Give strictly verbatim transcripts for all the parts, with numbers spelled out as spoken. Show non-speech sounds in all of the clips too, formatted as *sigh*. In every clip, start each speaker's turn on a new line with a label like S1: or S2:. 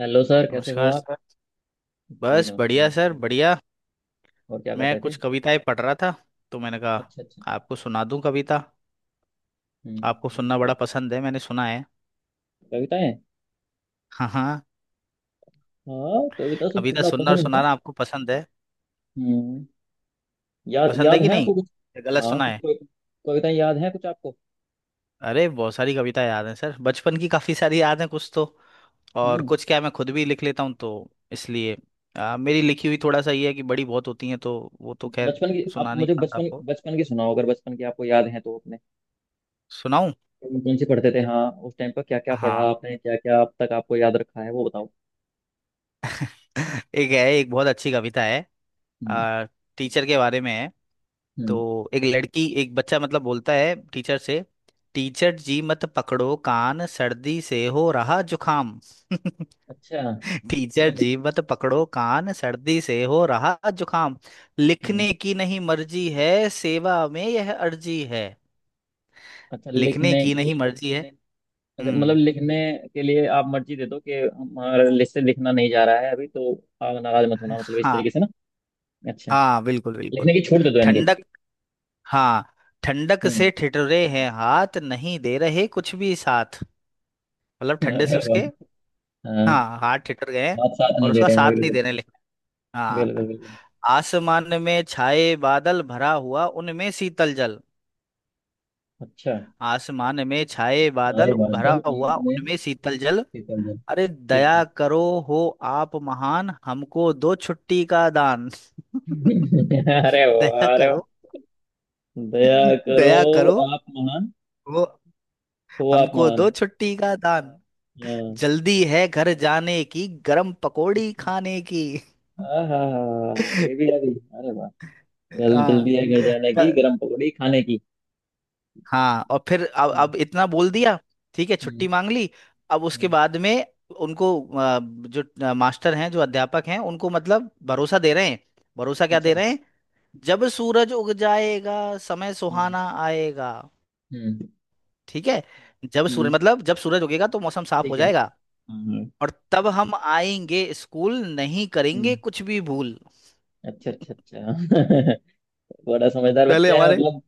S1: Hello sir, कैसे हो
S2: नमस्कार
S1: आप।
S2: सर।
S1: जी
S2: बस
S1: नमस्कार।
S2: बढ़िया सर
S1: हाँ,
S2: बढ़िया।
S1: और क्या कर
S2: मैं
S1: रहे
S2: कुछ
S1: थे।
S2: कविताएं पढ़ रहा था, तो मैंने
S1: अच्छा अच्छा।
S2: कहा आपको सुना दूं कविता। आपको सुनना बड़ा
S1: हम्म,
S2: पसंद है मैंने सुना है।
S1: कविताएं।
S2: हाँ हाँ।
S1: हाँ, कविता तो
S2: कविता
S1: सुनना
S2: सुनना और
S1: पसंद है।
S2: सुनाना आपको पसंद है?
S1: हम्म। याद
S2: पसंद है
S1: याद
S2: कि
S1: है
S2: नहीं,
S1: आपको कुछ।
S2: या गलत
S1: हाँ,
S2: सुना
S1: कुछ
S2: है?
S1: कोई कविताएं याद हैं कुछ आपको।
S2: अरे बहुत सारी कविता याद हैं सर, बचपन की काफ़ी सारी याद हैं कुछ तो। और
S1: हम्म।
S2: कुछ क्या है, मैं खुद भी लिख लेता हूँ तो इसलिए आ, मेरी लिखी हुई थोड़ा सा ये है कि बड़ी बहुत होती हैं, तो वो तो खैर
S1: बचपन की, आप
S2: सुना नहीं
S1: मुझे
S2: पाता
S1: बचपन
S2: आपको।
S1: बचपन की सुनाओ, अगर बचपन की आपको याद है तो अपने
S2: सुनाऊं?
S1: कौन कौन सी पढ़ते थे। हाँ, उस टाइम पर क्या क्या
S2: हाँ
S1: पढ़ा आपने, क्या क्या अब तक आपको याद रखा है वो बताओ।
S2: एक है, एक बहुत अच्छी कविता है।
S1: हम्म।
S2: आ, टीचर के बारे में है।
S1: हम्म।
S2: तो एक लड़की, एक बच्चा मतलब बोलता है टीचर से। टीचर जी मत पकड़ो कान, सर्दी से हो रहा जुकाम। *laughs*
S1: अच्छा।
S2: टीचर
S1: हम्म।
S2: जी मत पकड़ो कान, सर्दी से हो रहा जुकाम।
S1: हम्म,
S2: लिखने की नहीं मर्जी है, सेवा में यह अर्जी है।
S1: अच्छा
S2: लिखने
S1: लिखने
S2: की
S1: की।
S2: नहीं मर्जी है।
S1: अच्छा, मतलब
S2: हम्म।
S1: लिखने के लिए आप मर्जी दे दो कि हमारा लिस्ट से लिखना नहीं जा रहा है अभी तो। आप नाराज मत होना, मतलब इस तरीके
S2: हाँ
S1: से ना। अच्छा,
S2: हाँ, बिल्कुल बिल्कुल।
S1: लिखने की छूट दे दो यानी कि।
S2: ठंडक। हाँ ठंडक
S1: हम्म।
S2: से ठिठुरे हैं हाथ, नहीं दे रहे कुछ भी साथ। मतलब
S1: *laughs*
S2: ठंडे
S1: अरे
S2: से
S1: वाह।
S2: उसके।
S1: हाँ,
S2: हाँ हाथ ठिठुर गए हैं
S1: बात साथ
S2: और
S1: नहीं दे
S2: उसका
S1: रहे
S2: साथ
S1: हैं
S2: नहीं
S1: बिल्कुल।
S2: देने लगे। हाँ।
S1: बिल्कुल बिल्कुल।
S2: आसमान में छाए बादल, भरा हुआ उनमें शीतल जल।
S1: अच्छा।
S2: आसमान में छाए
S1: सारे
S2: बादल,
S1: बादल
S2: भरा हुआ
S1: उनमें
S2: उनमें शीतल जल।
S1: फिसल जाए।
S2: अरे
S1: ठीक है।
S2: दया करो, हो आप महान, हमको दो छुट्टी का दान।
S1: *laughs* अरे
S2: *laughs* दया
S1: वाह, अरे वाह।
S2: करो,
S1: दया करो,
S2: दया करो,
S1: आप महान
S2: हो
S1: हो। आप
S2: हमको
S1: महान।
S2: दो छुट्टी का दान।
S1: हाँ।
S2: जल्दी है घर जाने की, गरम पकोड़ी खाने की।
S1: आहा। आगे भी आ
S2: *laughs*
S1: गई, अरे वाह। जल
S2: हाँ।
S1: जल्दी है घर जाने की,
S2: त-
S1: गरम पकौड़ी खाने की।
S2: हाँ और फिर अब
S1: हम्म।
S2: अब इतना बोल दिया। ठीक है
S1: हम्म,
S2: छुट्टी मांग ली। अब उसके
S1: हम्म।
S2: बाद में उनको आ, जो आ, मास्टर हैं, जो अध्यापक हैं उनको मतलब भरोसा दे रहे हैं। भरोसा क्या
S1: अच्छा।
S2: दे रहे हैं? जब सूरज उग जाएगा, समय
S1: हम्म।
S2: सुहाना आएगा।
S1: हम्म।
S2: ठीक है। जब सूरज
S1: हम्म,
S2: मतलब जब सूरज उगेगा तो मौसम साफ हो
S1: ठीक है।
S2: जाएगा।
S1: हाँ।
S2: और तब हम आएंगे स्कूल, नहीं करेंगे
S1: हम्म।
S2: कुछ भी भूल।
S1: अच्छा अच्छा अच्छा। *laughs* बड़ा समझदार
S2: पहले
S1: बच्चा है
S2: हमारे
S1: मतलब।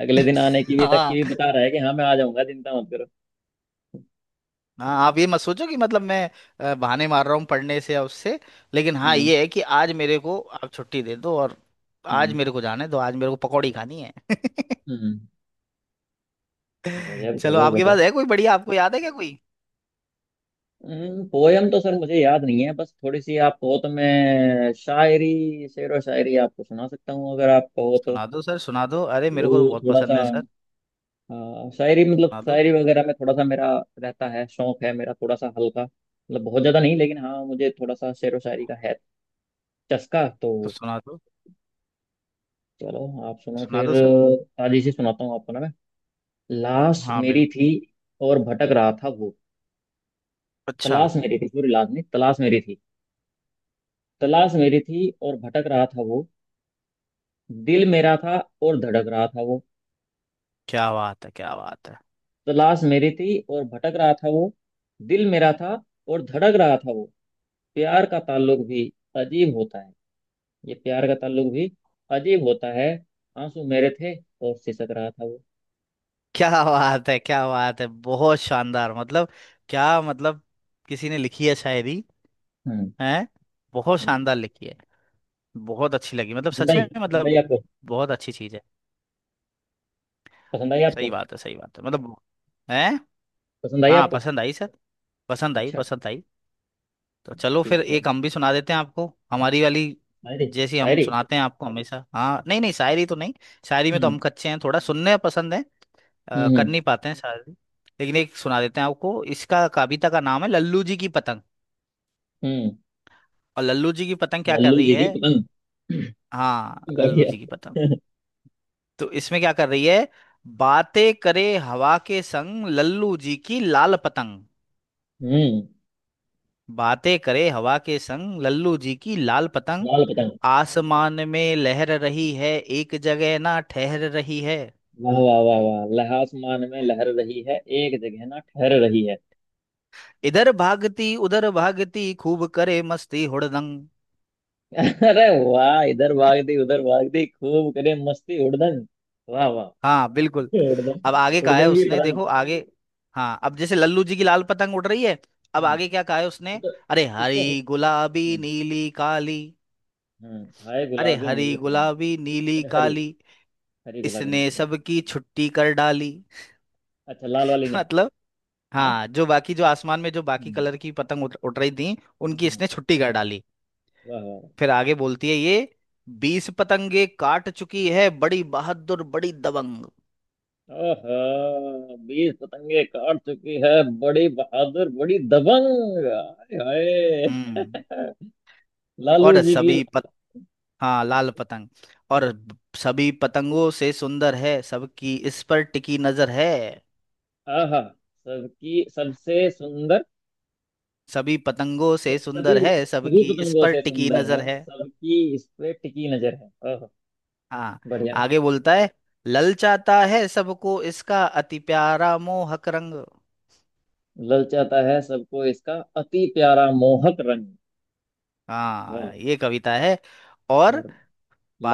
S1: अगले दिन
S2: *laughs*
S1: आने की भी, तक की
S2: हाँ
S1: भी बता रहा है कि हाँ मैं आ जाऊंगा, चिंता मत करो।
S2: हाँ, आप ये मत सोचो कि मतलब मैं अ, बहाने मार रहा हूँ पढ़ने से या उससे। लेकिन हाँ,
S1: हम्म।
S2: ये है कि आज मेरे को आप छुट्टी दे दो, और आज
S1: हम्म।
S2: मेरे को जाना है, तो आज मेरे को पकौड़ी खानी है। *laughs*
S1: हम्म। गजब
S2: चलो
S1: गजब
S2: आपके पास
S1: गजब।
S2: है कोई बढ़िया, आपको याद है क्या कोई?
S1: हम्म, पोयम तो सर मुझे याद नहीं है, बस थोड़ी सी आप कहो तो मैं शायरी, शेरो शायरी आपको सुना सकता हूँ अगर आप कहो तो।
S2: सुना दो सर, सुना दो, अरे मेरे
S1: वो
S2: को तो बहुत
S1: थोड़ा
S2: पसंद
S1: सा,
S2: है सर।
S1: हाँ, शायरी, मतलब
S2: सुना दो।
S1: शायरी वगैरह में थोड़ा सा मेरा रहता है, शौक है मेरा थोड़ा सा हल्का, मतलब बहुत ज्यादा नहीं लेकिन हाँ मुझे थोड़ा सा शेर व शायरी का है चस्का तो।
S2: तो सुना दो।
S1: चलो, आप सुनो
S2: सुना
S1: फिर।
S2: दो सर।
S1: ताजी से सुनाता हूँ आपको ना मैं। लाश
S2: हाँ
S1: मेरी
S2: बिल्कुल।
S1: थी और भटक रहा था वो।
S2: अच्छा।
S1: तलाश मेरी थी, सॉरी लाश नहीं, तलाश मेरी थी। तलाश मेरी थी और भटक रहा था वो। दिल मेरा था और धड़क रहा था वो।
S2: क्या बात है, क्या बात है।
S1: तलाश मेरी थी और भटक रहा था वो। दिल मेरा था और धड़क रहा था वो। प्यार का ताल्लुक भी अजीब होता है। ये प्यार का ताल्लुक भी अजीब होता है। आंसू मेरे थे और सिसक रहा था वो।
S2: क्या बात है, क्या बात है, बहुत शानदार मतलब। क्या मतलब। किसी ने लिखी है शायरी?
S1: हम्म।
S2: है। बहुत शानदार लिखी है। बहुत अच्छी लगी मतलब,
S1: पसंद
S2: सच
S1: आई,
S2: में
S1: पसंद आई
S2: मतलब
S1: आपको।
S2: बहुत अच्छी चीज़ है।
S1: पसंद आई
S2: सही
S1: आपको।
S2: बात है, सही बात है मतलब। है।
S1: पसंद आई
S2: हाँ
S1: आपको।
S2: पसंद आई सर, पसंद आई
S1: अच्छा।
S2: पसंद आई। तो चलो फिर
S1: ठीक है।
S2: एक हम भी सुना देते हैं आपको हमारी वाली।
S1: शायरी।
S2: जैसी हम
S1: शायरी।
S2: सुनाते हैं आपको हमेशा, हाँ नहीं नहीं शायरी तो नहीं। शायरी में तो
S1: हम्म।
S2: हम कच्चे हैं, थोड़ा सुनने पसंद है। अ, कर
S1: हम्म।
S2: नहीं पाते हैं शायरी। लेकिन एक सुना देते हैं आपको। इसका, कविता का नाम है लल्लू जी की पतंग।
S1: हम्म।
S2: और लल्लू जी की पतंग क्या कर
S1: लल्लू
S2: रही
S1: जी
S2: है?
S1: की पतंग।
S2: हाँ लल्लू
S1: बढ़िया।
S2: जी की पतंग। तो इसमें क्या कर रही है? बातें करे हवा के संग लल्लू जी की लाल पतंग।
S1: हम्म।
S2: बातें करे हवा के संग लल्लू जी की लाल पतंग।
S1: लाल पतंग।
S2: आसमान में लहर रही है, एक जगह ना ठहर रही है।
S1: वाह वाह वाह वाह। लह आसमान में लहर रही है, एक जगह ना ठहर रही है।
S2: इधर भागती उधर भागती, खूब करे मस्ती हुड़दंग।
S1: *laughs* अरे वाह। इधर भाग दी उधर भाग दी, खूब करे मस्ती उड़दंग। वाह वाह।
S2: हाँ बिल्कुल। अब आगे
S1: उड़दंग।
S2: कहा है
S1: उड़दंग की
S2: उसने,
S1: पतंग।
S2: देखो आगे। हाँ अब जैसे लल्लू जी की लाल पतंग उड़ रही है। अब आगे क्या कहा है
S1: ये
S2: उसने?
S1: तो।
S2: अरे
S1: इसको।
S2: हरी गुलाबी नीली काली,
S1: हम्म, हाय
S2: अरे
S1: गुलाबी
S2: हरी
S1: नीली काली।
S2: गुलाबी नीली
S1: अच्छा हरी।
S2: काली,
S1: हरी गुलाबी
S2: इसने
S1: नीली काली।
S2: सबकी छुट्टी कर डाली।
S1: अच्छा, लाल वाली
S2: *laughs*
S1: ने।
S2: मतलब
S1: है ना।
S2: हाँ, जो बाकी, जो आसमान में जो बाकी
S1: हम्म।
S2: कलर की पतंग उड़ उड़ रही थी, उनकी
S1: हम्म,
S2: इसने छुट्टी कर डाली।
S1: वाह वाह वाह।
S2: फिर आगे बोलती है ये। बीस पतंगे काट चुकी है, बड़ी बहादुर बड़ी दबंग।
S1: ओहो, बीस पतंगे काट चुकी है, बड़ी बहादुर बड़ी दबंग, हाय हाय।
S2: हम्म
S1: लालू
S2: और
S1: जी की।
S2: सभी पत, हाँ लाल पतंग। और ब- सभी पतंगों से सुंदर है, सबकी इस पर टिकी नजर है।
S1: आहा। सबकी, सबसे सुंदर।
S2: सभी पतंगों से
S1: सभी,
S2: सुंदर है,
S1: सभी
S2: सबकी इस
S1: पतंगों
S2: पर
S1: से
S2: टिकी
S1: सुंदर
S2: नजर
S1: है,
S2: है।
S1: सबकी इस पे टिकी नजर है, ओहो।
S2: हाँ
S1: बढ़िया।
S2: आगे बोलता है, ललचाता है सबको इसका अति प्यारा मोहक रंग।
S1: ललचाता है सबको इसका अति प्यारा मोहक रंग। वाह।
S2: हाँ ये कविता है। और
S1: और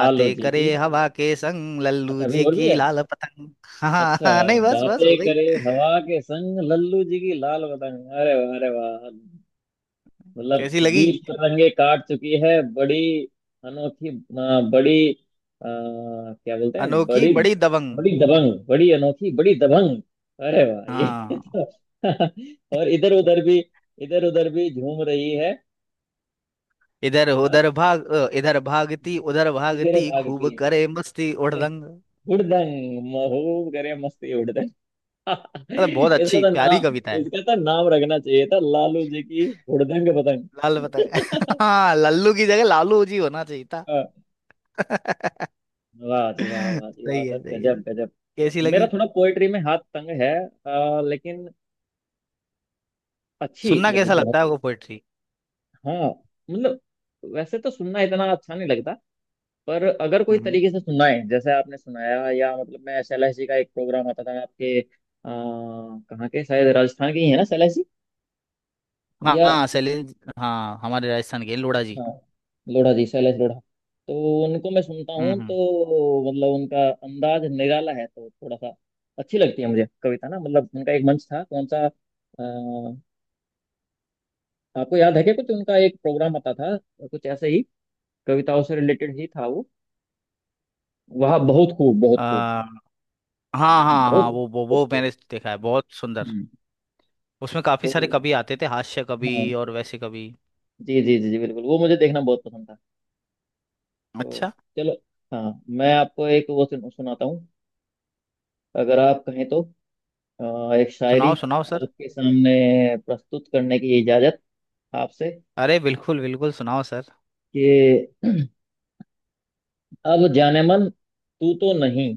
S1: लालू जी
S2: करे
S1: की।
S2: हवा के संग
S1: अच्छा,
S2: लल्लू
S1: अभी
S2: जी
S1: और भी
S2: की
S1: है।
S2: लाल पतंग। हाँ
S1: अच्छा।
S2: हाँ, नहीं बस बस
S1: बातें
S2: हो गई।
S1: करे हवा के संग लल्लू जी की लाल पतंग, अरे वाह अरे वाह। मतलब
S2: कैसी लगी?
S1: बीस पतंगे काट चुकी है बड़ी अनोखी, अ, बड़ी आ, क्या बोलते हैं,
S2: अनोखी
S1: बड़ी,
S2: बड़ी दबंग।
S1: बड़ी दबंग, बड़ी अनोखी बड़ी दबंग। अरे वाह, ये
S2: हाँ
S1: तो। *laughs* और इधर उधर भी, इधर उधर भी झूम रही है।
S2: इधर उधर
S1: हाँ?
S2: भाग अ, इधर भागती उधर
S1: इधर
S2: भागती,
S1: भागती
S2: खूब
S1: है
S2: करे मस्ती
S1: ये,
S2: उड़दंग।
S1: उड़दंग, महबूब करे मस्ती उड़दंग।
S2: मतलब बहुत
S1: इसका
S2: अच्छी
S1: तो
S2: प्यारी
S1: नाम,
S2: कविता है।
S1: इसका तो नाम रखना चाहिए था लालू जी की हुड़दंग पतंग।
S2: लाल पतंग। *laughs* हाँ लल्लू की जगह लालू जी होना चाहिए था।
S1: *laughs*
S2: *laughs*
S1: वाह जी वाह, वाह जी वाह,
S2: सही
S1: सर
S2: है सही है।
S1: गजब गजब।
S2: कैसी
S1: मेरा
S2: लगी?
S1: थोड़ा पोएट्री में हाथ तंग है, अ, लेकिन अच्छी
S2: सुनना
S1: लगी
S2: कैसा लगता
S1: बहुत।
S2: है आपको पोएट्री?
S1: हाँ, मतलब वैसे तो सुनना इतना अच्छा नहीं लगता, पर अगर कोई
S2: हम्म।
S1: तरीके से सुनाए जैसे आपने सुनाया, या मतलब मैं एसएलएससी का एक प्रोग्राम आता था आपके, अ, कहाँ के, शायद राजस्थान के ही है ना एसएलएससी
S2: हाँ
S1: या।
S2: हाँ शैलेंद्र, हाँ हमारे राजस्थान के लोढ़ा जी।
S1: हाँ, लोढ़ा जी, शैलेश लोढ़ा। तो उनको मैं सुनता हूँ
S2: हम्म।
S1: तो मतलब उनका अंदाज निराला है, तो थोड़ा सा अच्छी लगती है मुझे कविता ना, मतलब उनका एक मंच था कौन सा, अ, आपको याद है क्या कुछ, उनका एक प्रोग्राम आता था कुछ ऐसे ही, कविताओं से रिलेटेड ही था वो। वह बहुत खूब, बहुत
S2: आ,
S1: खूब।
S2: हाँ हाँ हाँ
S1: बहुत,
S2: वो वो
S1: बहुत
S2: वो
S1: खूब।
S2: मैंने देखा है, बहुत सुंदर।
S1: हम्म,
S2: उसमें काफी
S1: तो
S2: सारे कवि आते थे, हास्य कवि
S1: हाँ
S2: और वैसे कवि।
S1: जी जी जी जी बिल्कुल, वो मुझे देखना बहुत पसंद था। तो
S2: अच्छा।
S1: चलो, हाँ मैं आपको एक वो सुन, सुनाता हूँ अगर आप कहें तो, अ, एक शायरी
S2: सुनाओ सुनाओ सर।
S1: आपके सामने प्रस्तुत करने की इजाजत आपसे,
S2: अरे बिल्कुल बिल्कुल सुनाओ सर।
S1: कि अब जाने मन तू तो नहीं।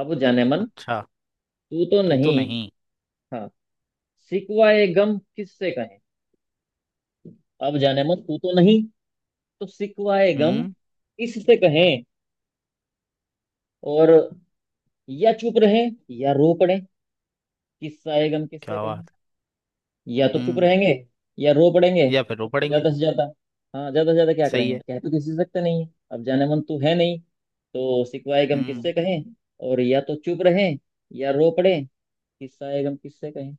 S1: अब जाने मन
S2: अच्छा।
S1: तू तो
S2: तू तो
S1: नहीं।
S2: नहीं।
S1: हाँ, सिकवाए गम किससे कहें। अब जाने मन तू तो नहीं। तो सिकवाए गम
S2: हम्म।
S1: किससे कहें। और या चुप रहें या रो पड़ें, किस्सा गम किससे
S2: क्या
S1: कहें।
S2: बात है।
S1: या तो चुप
S2: हम्म।
S1: रहेंगे या रो पड़ेंगे,
S2: या फिर रो पड़ेंगे।
S1: ज्यादा से ज्यादा। हाँ, ज्यादा से ज्यादा क्या
S2: सही
S1: करेंगे,
S2: है।
S1: कह तो किसी से सकते नहीं है, अब जाने मन तो है नहीं, तो सिकवाए गम किससे
S2: हम्म।
S1: कहें। और या तो चुप रहें या रो पड़े, किस्साए गम किससे कहें।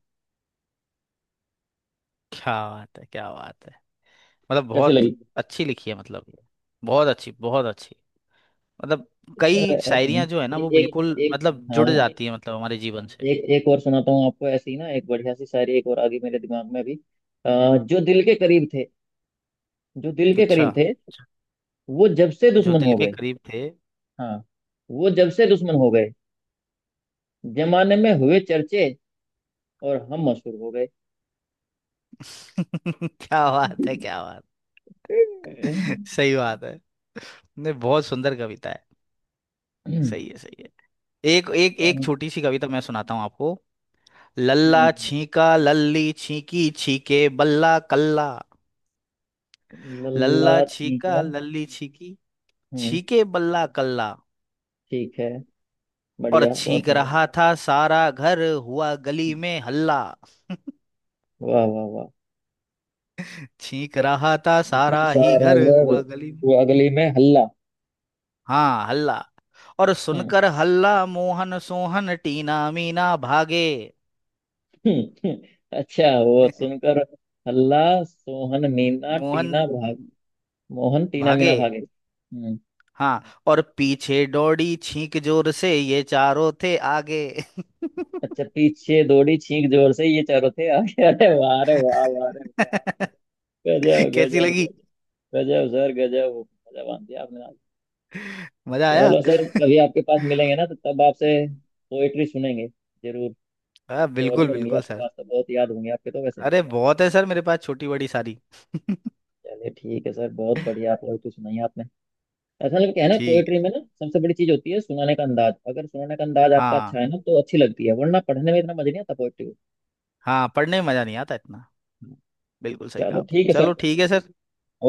S2: क्या बात है, क्या बात है, मतलब
S1: कैसी
S2: बहुत
S1: लगी।
S2: अच्छी लिखी है मतलब। बहुत अच्छी बहुत अच्छी मतलब।
S1: किस्सा
S2: कई
S1: ऐसे हैं।
S2: शायरियां जो है ना
S1: एक
S2: वो
S1: एक
S2: बिल्कुल
S1: एक
S2: मतलब जुड़
S1: हाँ,
S2: जाती है मतलब हमारे जीवन से।
S1: एक एक और सुनाता हूँ आपको ऐसी ही ना, एक बढ़िया सी शायरी एक और आ गई मेरे दिमाग में अभी। अ, जो दिल के करीब थे। जो दिल के
S2: अच्छा।
S1: करीब थे, वो जब से
S2: जो
S1: दुश्मन
S2: दिल
S1: हो
S2: के
S1: गए।
S2: करीब थे।
S1: हाँ। वो जब से दुश्मन हो गए, जमाने में हुए चर्चे और हम मशहूर हो
S2: *laughs* क्या बात
S1: गए।
S2: है, क्या बात। सही बात है, नहीं बहुत सुंदर कविता है। सही है सही है। एक एक एक
S1: लल्ला
S2: छोटी सी कविता मैं सुनाता हूँ आपको। लल्ला छीका लल्ली छीकी छीके बल्ला कल्ला। लल्ला छीका
S1: छीका।
S2: लल्ली छीकी
S1: हम्म।
S2: छीके बल्ला कल्ला।
S1: ठीक है।
S2: और
S1: बढ़िया, बहुत
S2: छींक
S1: बढ़िया।
S2: रहा था सारा घर, हुआ गली में हल्ला।
S1: वाह वाह वाह।
S2: छींक रहा था
S1: बता
S2: सारा ही
S1: सारा
S2: घर,
S1: घर,
S2: हुआ गली में,
S1: वो अगली में हल्ला।
S2: हाँ, हल्ला। और
S1: हम्म।
S2: सुनकर हल्ला मोहन सोहन टीना मीना भागे।
S1: *laughs* अच्छा, वो
S2: *laughs*
S1: सुनकर हल्ला, सोहन मीना
S2: मोहन
S1: टीना भाग, मोहन टीना मीना
S2: भागे।
S1: भागे। हम्म।
S2: हाँ और पीछे दौड़ी छींक, जोर से ये चारों थे आगे।
S1: अच्छा, पीछे दौड़ी छींक जोर से, ये चारों थे आगे। *laughs* अरे वाह, अरे वाह वाह, अरे वाह।
S2: *laughs*
S1: गजब
S2: कैसी
S1: गजब
S2: लगी?
S1: गजब। गजब सर, गजब, मजा बांध दिया आपने।
S2: मजा आया।
S1: चलो सर, कभी आपके पास मिलेंगे ना तो तब आपसे पोएट्री सुनेंगे जरूर।
S2: हाँ
S1: तो और भी
S2: बिल्कुल
S1: होंगी
S2: बिल्कुल
S1: आपके
S2: सर।
S1: पास तो, बहुत याद होंगी आपके तो वैसे।
S2: अरे बहुत है सर मेरे पास, छोटी बड़ी सारी। *laughs*
S1: चलिए ठीक है सर, बहुत बढ़िया पोएट्री सुनाई आपने। ऐसा लगता है ना,
S2: ठीक
S1: पोएट्री
S2: है।
S1: में ना सबसे बड़ी चीज होती है सुनाने का अंदाज, अगर सुनाने का अंदाज आपका अच्छा
S2: हाँ
S1: है ना तो अच्छी लगती है, वरना पढ़ने में इतना मजा नहीं आता पोएट्री को।
S2: हाँ पढ़ने में मज़ा नहीं आता इतना। बिल्कुल सही कहा
S1: चलो
S2: आपने,
S1: ठीक है
S2: चलो
S1: सर।
S2: ठीक है सर।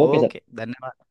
S1: Okay sir.
S2: ओके धन्यवाद।